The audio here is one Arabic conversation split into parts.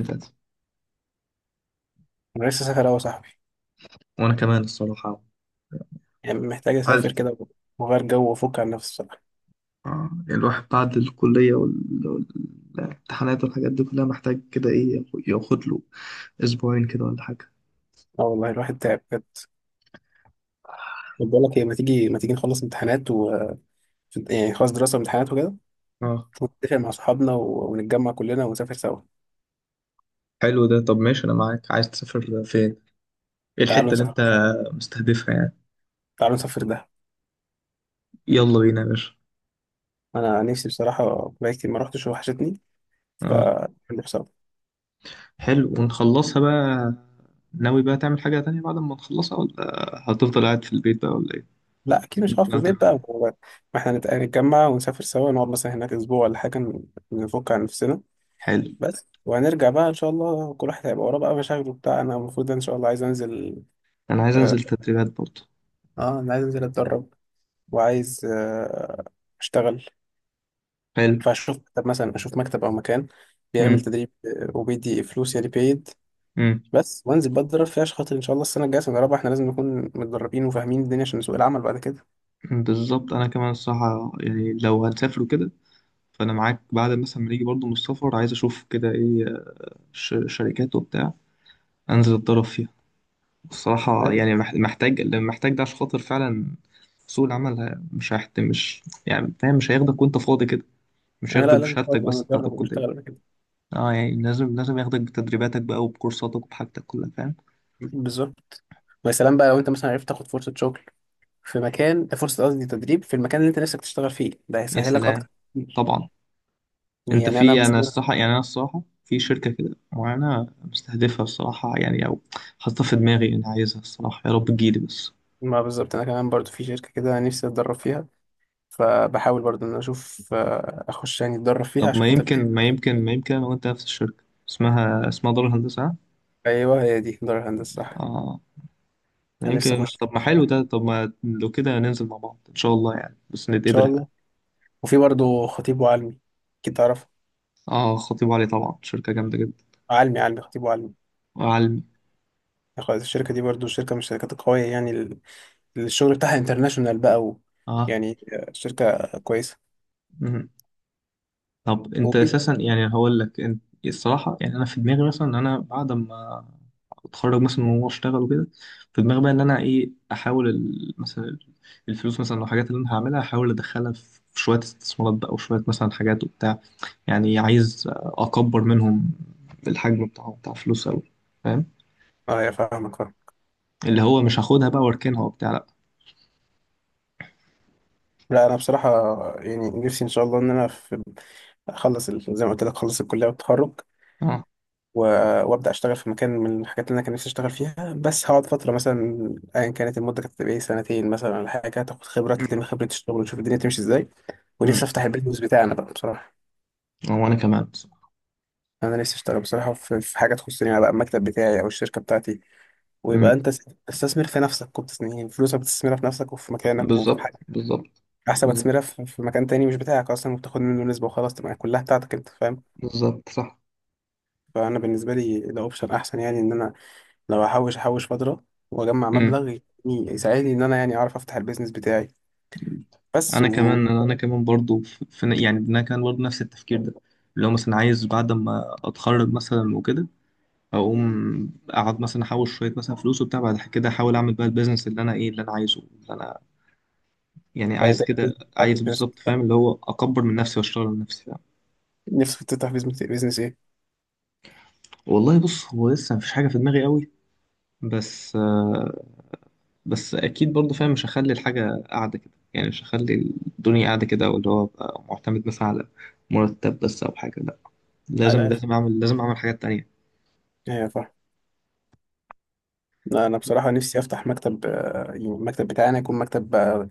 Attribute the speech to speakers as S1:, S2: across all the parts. S1: اللي فاتت.
S2: انا لسه سافر اهو يا صاحبي.
S1: وانا كمان الصراحه
S2: يعني محتاج
S1: عايز.
S2: اسافر كده واغير جو وافك عن نفسي بصراحه.
S1: الواحد بعد الكليه والامتحانات والحاجات دي كلها محتاج كده ايه ياخد له اسبوعين كده ولا حاجه.
S2: اه، والله الواحد تعب بجد. طب بقول لك ايه، ما تيجي ما تيجي نخلص امتحانات، و يعني خلاص دراسه وامتحانات وكده،
S1: اه.
S2: ونتفق مع اصحابنا و ونتجمع كلنا ونسافر سوا.
S1: حلو ده، طب ماشي انا معاك، عايز تسافر فين؟ ايه
S2: تعالوا
S1: الحتة اللي انت
S2: نسافر
S1: مستهدفها يعني؟
S2: تعالوا نسافر ده.
S1: يلا بينا يا باشا.
S2: انا نفسي بصراحه، بقالي كتير ما رحتش وحشتني. ف
S1: اه،
S2: نروح سوا.
S1: حلو، ونخلصها بقى. ناوي بقى تعمل حاجة تانية بعد ما نخلصها، ولا هتفضل قاعد في البيت بقى، ولا ايه؟
S2: لا
S1: إيه
S2: اكيد
S1: اللي
S2: مش هقعد
S1: انت
S2: في
S1: ناوي
S2: البيت
S1: تعمله؟
S2: بقى. ما احنا نتجمع ونسافر سوا، نقعد مثلا هناك اسبوع ولا حاجه، نفك عن نفسنا.
S1: حلو.
S2: بس وهنرجع بقى ان شاء الله، كل واحد هيبقى وراه بقى مشاغله بتاع. انا المفروض ان شاء الله عايز انزل.
S1: انا عايز
S2: اه
S1: انزل تدريبات برضه.
S2: انا عايز انزل اتدرب، وعايز اشتغل.
S1: حلو.
S2: فاشوف. طب مثلا اشوف مكتب او مكان بيعمل تدريب، وبيدي فلوس، يعني بيد
S1: امم.
S2: بس. وانزل بقى اتدرب فيها عشان خاطر ان شاء الله السنه الجايه سنه رابعه احنا لازم نكون متدربين وفاهمين الدنيا عشان سوق العمل بعد كده.
S1: بالظبط، انا كمان الصراحه يعني، لو هنسافر كده فانا معاك، بعد مثلا ما نيجي برضو من السفر عايز اشوف كده ايه، شركات وبتاع، انزل اتدرب فيها. الصراحه
S2: فاهم؟
S1: يعني محتاج، اللي محتاج ده عشان خاطر فعلا سوق العمل، مش هيحت، مش يعني، فاهم؟ مش هياخدك وانت فاضي كده، مش
S2: آه،
S1: هياخدك
S2: لا لازم
S1: بشهادتك
S2: تبقى
S1: بس بتاعت
S2: متدرب
S1: الكليه.
S2: ونشتغل بعد كده.
S1: اه، يعني لازم ياخدك بتدريباتك بقى وبكورساتك وبحاجتك كلها، فاهم.
S2: بالظبط. ويا سلام بقى لو انت مثلا عرفت تاخد فرصه شغل في مكان، فرصه قصدي تدريب، في المكان اللي انت نفسك تشتغل فيه، ده
S1: يا
S2: هيسهلك
S1: سلام.
S2: اكتر.
S1: طبعا. انت
S2: يعني انا
S1: في، انا
S2: مثلا.
S1: الصراحه يعني، انا الصراحه في شركه كده وانا مستهدفها، الصراحه يعني، او حاططها في دماغي، انا عايزها الصراحه، يا رب تجيلي بس.
S2: ما بالظبط، انا كمان برضو في شركه كده نفسي اتدرب فيها، فبحاول برضو ان أنا اشوف، اخش يعني اتدرب فيها
S1: طب
S2: عشان
S1: ما
S2: خاطر
S1: يمكن ما
S2: ده.
S1: يمكن ما يمكن انا وانت نفس الشركه، اسمها اسمها دار الهندسه، ها؟
S2: ايوه، هي دي دار الهندسه صح.
S1: اه. ما
S2: انا نفسي
S1: يمكن،
S2: اخش
S1: طب ما حلو
S2: ان
S1: ده، طب ما لو كده ننزل مع بعض ان شاء الله يعني، بس نتقابل
S2: شاء
S1: احنا.
S2: الله. وفي برضو خطيب وعلمي، اكيد تعرف.
S1: اه، خطيب علي طبعا شركه جامده جدا.
S2: علمي خطيب وعلمي.
S1: وعلمي.
S2: يعني خلاص الشركه دي برضو شركه من الشركات القويه، يعني الشغل بتاعها انترناشونال بقى، و
S1: اه.
S2: يعني شركه كويسه.
S1: مم. طب انت
S2: وفي.
S1: اساسا يعني، هقول لك انت الصراحه يعني، انا في دماغي مثلا ان انا بعد ما واتخرج مثلا وهو اشتغل وكده، في دماغي بقى ان انا ايه، احاول مثلا الفلوس، مثلا لو الحاجات اللي انا هعملها احاول ادخلها في شويه استثمارات بقى، وشويه مثلا حاجات وبتاع، يعني عايز اكبر منهم الحجم بتاعه بتاع فلوس قوي، فاهم؟
S2: اه يا، فاهمك فاهمك.
S1: اللي هو مش هاخدها بقى واركنها وبتاع، لا.
S2: لا انا بصراحه، يعني نفسي ان شاء الله ان انا في، اخلص زي ما قلت لك اخلص الكليه والتخرج،
S1: اه.
S2: و- وابدا اشتغل في مكان من الحاجات اللي انا كان نفسي اشتغل فيها، بس هقعد فتره مثلا ايا كانت المده كانت تبقى ايه سنتين مثلا ولا حاجه، تاخد خبره،
S1: امم.
S2: تلم خبره الشغل وتشوف الدنيا تمشي ازاي. ونفسي
S1: امم.
S2: افتح البيزنس بتاعنا بقى بصراحه.
S1: هو انا كمان بصراحة.
S2: انا نفسي اشتغل بصراحه في حاجه تخصني انا بقى، المكتب بتاعي او الشركه بتاعتي، ويبقى
S1: امم.
S2: انت تستثمر في نفسك، وبتستثمر فلوسك، بتستثمرها في نفسك وفي مكانك وفي،
S1: بالظبط بالظبط.
S2: احسن ما
S1: بالظبط
S2: تستثمرها في مكان تاني مش بتاعك اصلا، وبتاخد منه نسبه، وخلاص تبقى كلها بتاعتك انت، فاهم.
S1: بالظبط صح.
S2: فانا بالنسبه لي ده اوبشن احسن، يعني ان انا لو هحوش احوش فتره، واجمع
S1: امم.
S2: مبلغ يساعدني ان انا يعني اعرف افتح البيزنس بتاعي بس
S1: انا
S2: و
S1: كمان انا كمان برضو في في، يعني انا كمان برضو نفس التفكير ده، اللي هو مثلا عايز بعد ما اتخرج مثلا وكده، اقوم اقعد مثلا احوش شويه مثلا فلوس وبتاع، بعد كده احاول اعمل بقى البيزنس اللي انا ايه، اللي انا عايزه، اللي انا يعني
S2: يعني انت
S1: عايز
S2: إيه
S1: كده،
S2: البيزنس بتاعك
S1: عايز
S2: اللي نفسك
S1: بالظبط، فاهم؟ اللي
S2: تفتحه؟
S1: هو اكبر من نفسي واشتغل من نفسي، فاهم.
S2: نفسك تفتح بيزنس ايه؟
S1: والله بص، هو لسه مفيش حاجه في دماغي قوي، بس بس اكيد برضو فاهم، مش هخلي الحاجه قاعده كده يعني، مش هخلي الدنيا قاعده كده، واللي هو أبقى معتمد مثلا على مرتب بس، او حاجه، لا. لازم
S2: ايوه،
S1: لازم اعمل لازم اعمل حاجات تانية.
S2: ايوه، فاهم. لا انا بصراحه نفسي افتح مكتب، يعني المكتب بتاعي انا يكون مكتب آه،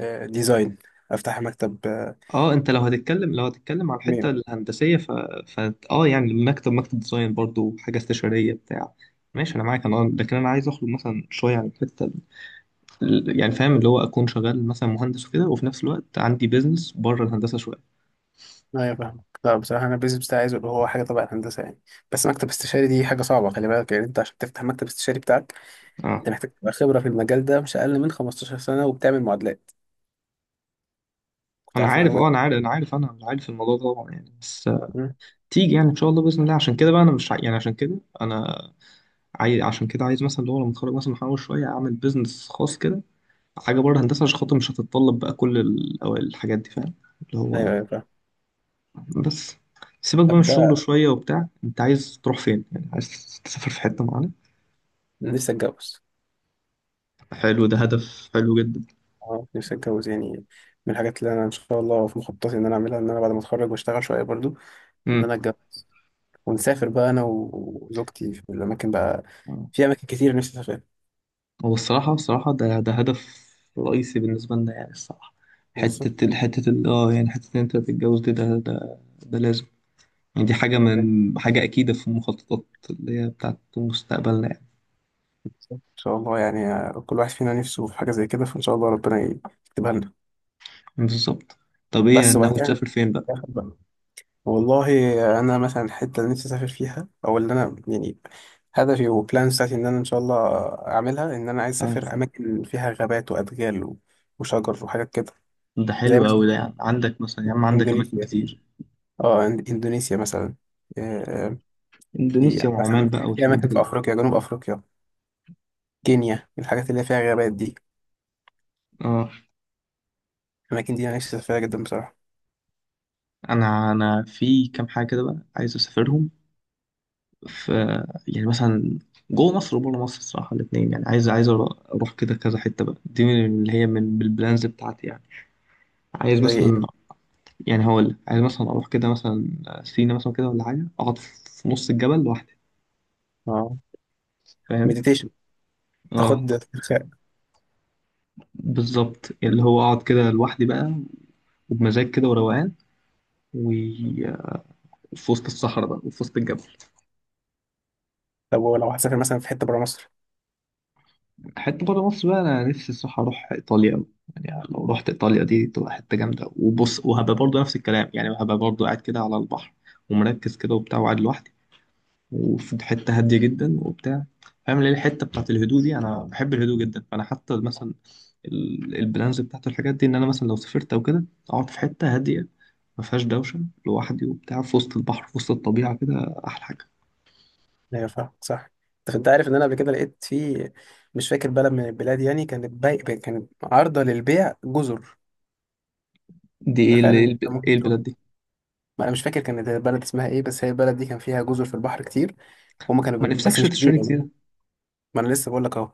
S2: آه، ديزاين. افتح مكتب
S1: اه، انت لو هتتكلم، لو هتتكلم على الحتة الهندسية، ف... ف... اه يعني، مكتب، مكتب ديزاين برضو، حاجة استشارية بتاع ماشي انا معاك، انا لكن انا عايز اخرج مثلا شوية عن الحتة يعني، فاهم، اللي هو اكون شغال مثلا مهندس وكده، وفي نفس الوقت عندي بيزنس بره الهندسة شوية.
S2: ايوه، فاهمك. لا بصراحه انا البيزنس بتاعي عايزه يبقى هو حاجه تبع الهندسه يعني. بس مكتب استشاري دي حاجه صعبه خلي بالك، يعني انت عشان تفتح مكتب استشاري بتاعك،
S1: اه،
S2: انت محتاج تبقى خبره في المجال ده مش اقل من 15 سنه وبتعمل معادلات. كنت
S1: انا
S2: عارف
S1: عارف،
S2: معلومه.
S1: الموضوع ده طبعا يعني، بس
S2: مم.
S1: تيجي يعني ان شاء الله باذن الله، عشان كده بقى انا مش يعني عشان كده انا عايز، عشان كده عايز مثلا اللي هو لما اتخرج مثلا، احاول شويه اعمل بيزنس خاص كده، حاجة بره هندسة عشان خاطر مش هتتطلب بقى كل أو الحاجات دي، فاهم اللي هو؟
S2: ايوه، ايوه، فاهم.
S1: بس. سيبك بقى من
S2: طب
S1: الشغل
S2: ده،
S1: شوية وبتاع، أنت عايز تروح فين يعني؟ عايز تسافر في حتة معينة؟
S2: أنا نفسي اتجوز.
S1: حلو ده، هدف حلو جدا.
S2: اه، نفسي اتجوز يعني. من الحاجات اللي انا ان شاء الله في مخططي ان انا اعملها، ان انا بعد ما اتخرج واشتغل شويه برضو، ان
S1: امم.
S2: انا اتجوز، ونسافر بقى انا وزوجتي في الاماكن بقى، في اماكن كتير نفسي اسافرها.
S1: هو الصراحة الصراحة ده ده هدف رئيسي بالنسبة لنا يعني، الصراحة.
S2: بالظبط.
S1: حتة ال- حتة ال- اه يعني حتة إن أنت تتجوز دي، ده لازم يعني. دي حاجة من حاجة أكيدة في المخططات اللي هي بتاعت مستقبلنا يعني.
S2: ان شاء الله. يعني كل واحد فينا نفسه في حاجه زي كده، فان شاء الله ربنا يكتبها لنا.
S1: بالظبط. طب إيه
S2: بس وبعد
S1: ناوي
S2: كده
S1: تسافر فين بقى؟
S2: ناخد بقى. والله، انا مثلا الحته اللي نفسي اسافر فيها، او اللي انا يعني هدفي وبلان بتاعتي ان انا ان شاء الله اعملها، ان انا عايز
S1: آه.
S2: اسافر اماكن فيها غابات وادغال وشجر وحاجات كده.
S1: ده
S2: زي
S1: حلو أوي ده،
S2: مثلا
S1: يعني عندك مثلا يا عم عندك أماكن
S2: اندونيسيا.
S1: كتير.
S2: اندونيسيا مثلا. آه، في
S1: إندونيسيا وعمان
S2: مثلا
S1: بقى
S2: في
S1: والحاجات دي
S2: اماكن في
S1: كلها.
S2: افريقيا، جنوب افريقيا، كينيا، الحاجات اللي فيها غابات دي،
S1: آه.
S2: الاماكن دي انا نفسي اسافرها جدا بصراحه.
S1: أنا في كام حاجة كده بقى عايز أسافرهم، ف يعني مثلا جوه مصر وبره مصر الصراحة الاتنين، يعني عايز أروح كده كذا حتة بقى، دي من اللي هي من البلانز بتاعتي يعني. عايز
S2: زي
S1: مثلا،
S2: ايه؟
S1: يعني هقول لك، عايز مثلا أروح كده مثلا سينا مثلا كده ولا حاجة، أقعد في نص الجبل لوحدي،
S2: اه،
S1: فاهم؟
S2: مديتيشن،
S1: اه.
S2: تاخد استرخاء.
S1: بالظبط، اللي هو اقعد كده لوحدي بقى، وبمزاج كده وروقان، وفي وسط الصحراء بقى وفي وسط الجبل.
S2: لو هتسافر مثلا في حته بره مصر.
S1: حتة بره مصر بقى، أنا نفسي الصراحة أروح إيطاليا أوي، يعني لو رحت إيطاليا دي تبقى حتة جامدة، وبص وهبقى برضه نفس الكلام يعني، هبقى برضه قاعد كده على البحر ومركز كده وبتاع، وقاعد لوحدي وفي حتة هادية جدا وبتاع، فاهم اللي هي الحتة بتاعت الهدوء دي، أنا بحب الهدوء جدا. فأنا حتى مثلا البلانز بتاعت الحاجات دي، إن أنا مثلا لو سافرت أو كده أقعد في حتة هادية ما فيهاش دوشة، لوحدي وبتاع، في وسط البحر في وسط الطبيعة كده، أحلى حاجة.
S2: ايوه، فاهم صح. طب انت عارف ان انا قبل كده لقيت في، مش فاكر بلد من البلاد يعني، كانت باي كانت عارضه للبيع جزر.
S1: دي إيه
S2: تخيل
S1: إيه
S2: ان انت
S1: إيه
S2: ممكن تروح.
S1: البلاد دي؟
S2: ما انا مش فاكر كانت البلد اسمها ايه، بس هي البلد دي كان فيها جزر في البحر كتير، هما كانوا
S1: ما
S2: بس
S1: نفسكش
S2: مش كبيره
S1: تشتري
S2: يعني.
S1: جزيرة؟
S2: ما انا لسه بقول لك اهو.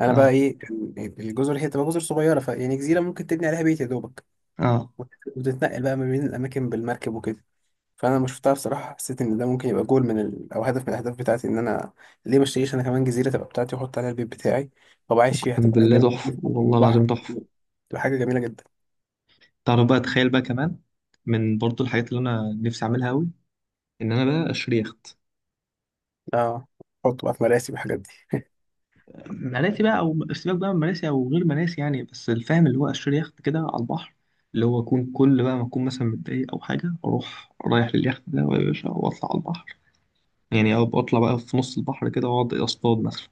S2: انا بقى
S1: اه.
S2: ايه، كان الجزر هي تبقى جزر صغيره، فيعني جزيره ممكن تبني عليها بيت يا دوبك،
S1: اه.
S2: وت- وتتنقل بقى ما بين الاماكن بالمركب وكده. فانا لما شفتها بصراحه حسيت ان ده ممكن يبقى جول او هدف من الاهداف بتاعتي، ان انا ليه ما اشتريش انا كمان جزيره تبقى بتاعتي، واحط عليها البيت بتاعي، وابقى عايش فيها
S1: اقسم
S2: تبقى زي
S1: بالله
S2: ما أنت
S1: تحفه،
S2: بتقول فوق
S1: والله العظيم
S2: البحر.
S1: تحفه.
S2: تبقى حاجه جميله جدا.
S1: تعرف بقى، تخيل بقى كمان، من برضو الحاجات اللي انا نفسي اعملها قوي، ان انا بقى اشتري يخت.
S2: اه، احط بقى في مراسي والحاجات دي.
S1: مراسي بقى، او سيبك بقى من مراسي او غير مراسي يعني، بس الفاهم اللي هو اشتري يخت كده على البحر، اللي هو اكون كل بقى ما اكون مثلا متضايق او حاجه، اروح رايح لليخت ده يا باشا واطلع على البحر، يعني أو اطلع بقى في نص البحر كده واقعد اصطاد مثلا.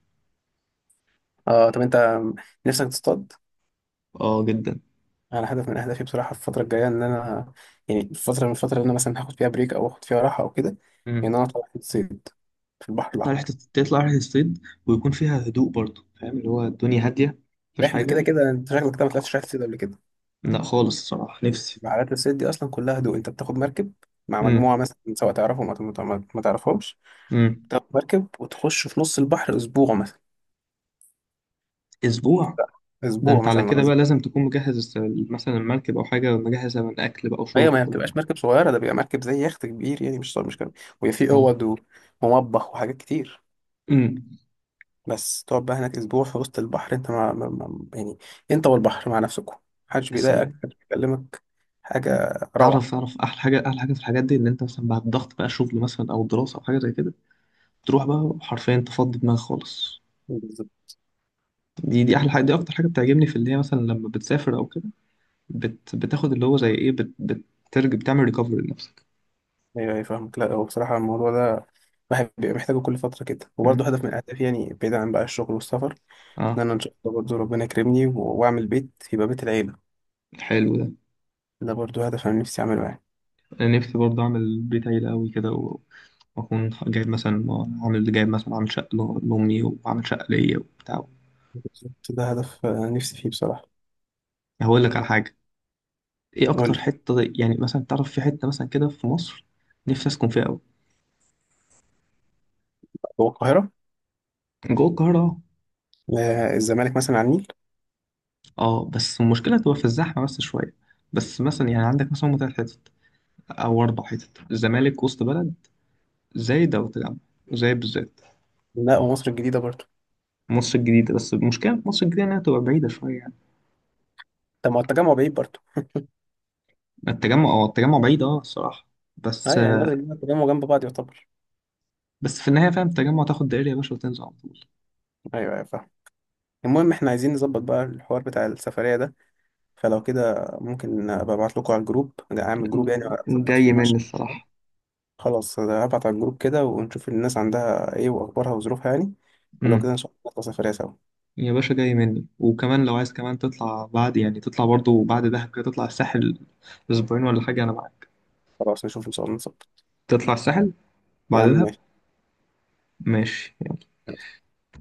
S2: اه، طب انت نفسك تصطاد.
S1: اه، جدا.
S2: انا هدف من اهدافي بصراحه في الفتره الجايه، ان انا يعني الفتره اللي انا مثلا هاخد فيها بريك او اخد فيها راحه او كده،
S1: مم.
S2: ان انا اطلع رحله صيد في البحر
S1: تطلع رحله،
S2: الاحمر.
S1: تطلع رحله الصيد، ويكون فيها هدوء برضو، فاهم اللي هو الدنيا هاديه، مفيش
S2: رحله كده.
S1: حاجه.
S2: كده انت شكلك كده ما طلعتش
S1: آه.
S2: رحله صيد قبل كده.
S1: لا خالص، الصراحة نفسي.
S2: رحلات الصيد دي اصلا كلها هدوء. انت بتاخد مركب مع
S1: امم.
S2: مجموعه مثلا، سواء تعرفهم او ما تعرفهمش.
S1: امم.
S2: بتاخد مركب وتخش في نص البحر اسبوع مثلا.
S1: اسبوع؟ ده
S2: اسبوع
S1: انت على
S2: مثلا
S1: كده
S2: غزة.
S1: بقى لازم تكون مجهز مثلا المركب، او حاجة مجهزة من اكل بقى
S2: هي
S1: وشرب
S2: ما
S1: وكل
S2: بتبقاش
S1: الكلام ده.
S2: مركب صغيره، ده بيبقى مركب زي يخت كبير يعني، مش صغير مش كبير، ويبقى فيه
S1: اه.
S2: اوض ومطبخ وحاجات كتير.
S1: امم.
S2: بس تقعد بقى هناك اسبوع في وسط البحر، انت يعني انت والبحر مع نفسكم، محدش بيضايقك،
S1: السلام.
S2: محدش بيكلمك. حاجه
S1: تعرف
S2: روعه.
S1: تعرف احلى حاجة، في الحاجات دي ان انت مثلا بعد ضغط بقى شغل مثلا او دراسة او حاجة زي كده، تروح بقى حرفيا تفضي دماغك خالص. دي احلى حاجة، دي اكتر حاجة بتعجبني، في اللي هي مثلا لما بتسافر او كده، بتاخد اللي هو زي ايه، بترجع بتعمل ريكفري لنفسك.
S2: ايوه، ايوه، فاهمك. لا هو بصراحه الموضوع ده الواحد بيبقى محتاجه كل فتره كده،
S1: امم.
S2: وبرضه هدف من اهدافي يعني بعيدا عن بقى الشغل والسفر، ان
S1: اه،
S2: انا ان شاء الله برضه ربنا يكرمني واعمل بيت، يبقى بيت العيله.
S1: حلو ده.
S2: ده برضه هدف انا نفسي اعمله يعني.
S1: انا نفسي برضه اعمل بيت عيلة قوي كده، و واكون جايب مثلا، عامل جايب مثلا عامل شقة لامي وعامل شقة ليا وبتاع.
S2: بالظبط، ده هدف نفسي فيه بصراحه.
S1: هقول لك على حاجة، ايه
S2: قول
S1: اكتر
S2: لي.
S1: حتة يعني مثلا، تعرف في حتة مثلا كده في مصر نفسي اسكن فيها قوي؟
S2: هو القاهره.
S1: جوه القاهرة.
S2: آه، الزمالك مثلا على النيل.
S1: اه، بس المشكلة تبقى في الزحمة بس شوية. بس مثلا يعني عندك مثلا هما تلات حتت او اربع حتت: الزمالك، وسط بلد، زايد، او التجمع. زايد بالذات.
S2: لا، ومصر الجديده برضه.
S1: مصر الجديدة بس المشكلة في مصر الجديدة انها تبقى بعيدة شوية يعني.
S2: طب ما هو التجمع بعيد برضه.
S1: التجمع اه، التجمع بعيد اه الصراحة. بس.
S2: ايوه يعني، مصر الجديده التجمع جنب بعض يعتبر.
S1: بس في النهاية فاهم، التجمع تاخد دائري يا باشا وتنزل على طول.
S2: ايوه، ايوه، فاهم. المهم احنا عايزين نظبط بقى الحوار بتاع السفريه ده. فلو كده ممكن ابقى ابعت لكم على الجروب. اعمل جروب يعني اظبط فيه
S1: جاي
S2: مع.
S1: مني الصراحة.
S2: خلاص، أنا هبعت على الجروب كده ونشوف الناس عندها ايه، واخبارها وظروفها يعني. ولو
S1: امم.
S2: كده ان شاء الله نطلع سفرية سوا.
S1: يا باشا جاي مني، وكمان لو عايز كمان تطلع بعد يعني، تطلع برضو بعد دهب كده تطلع الساحل، أسبوعين ولا حاجة أنا معاك.
S2: خلاص نشوف ان شاء الله نظبط.
S1: تطلع الساحل
S2: يا
S1: بعد
S2: عم
S1: دهب.
S2: ماشي.
S1: ماشي.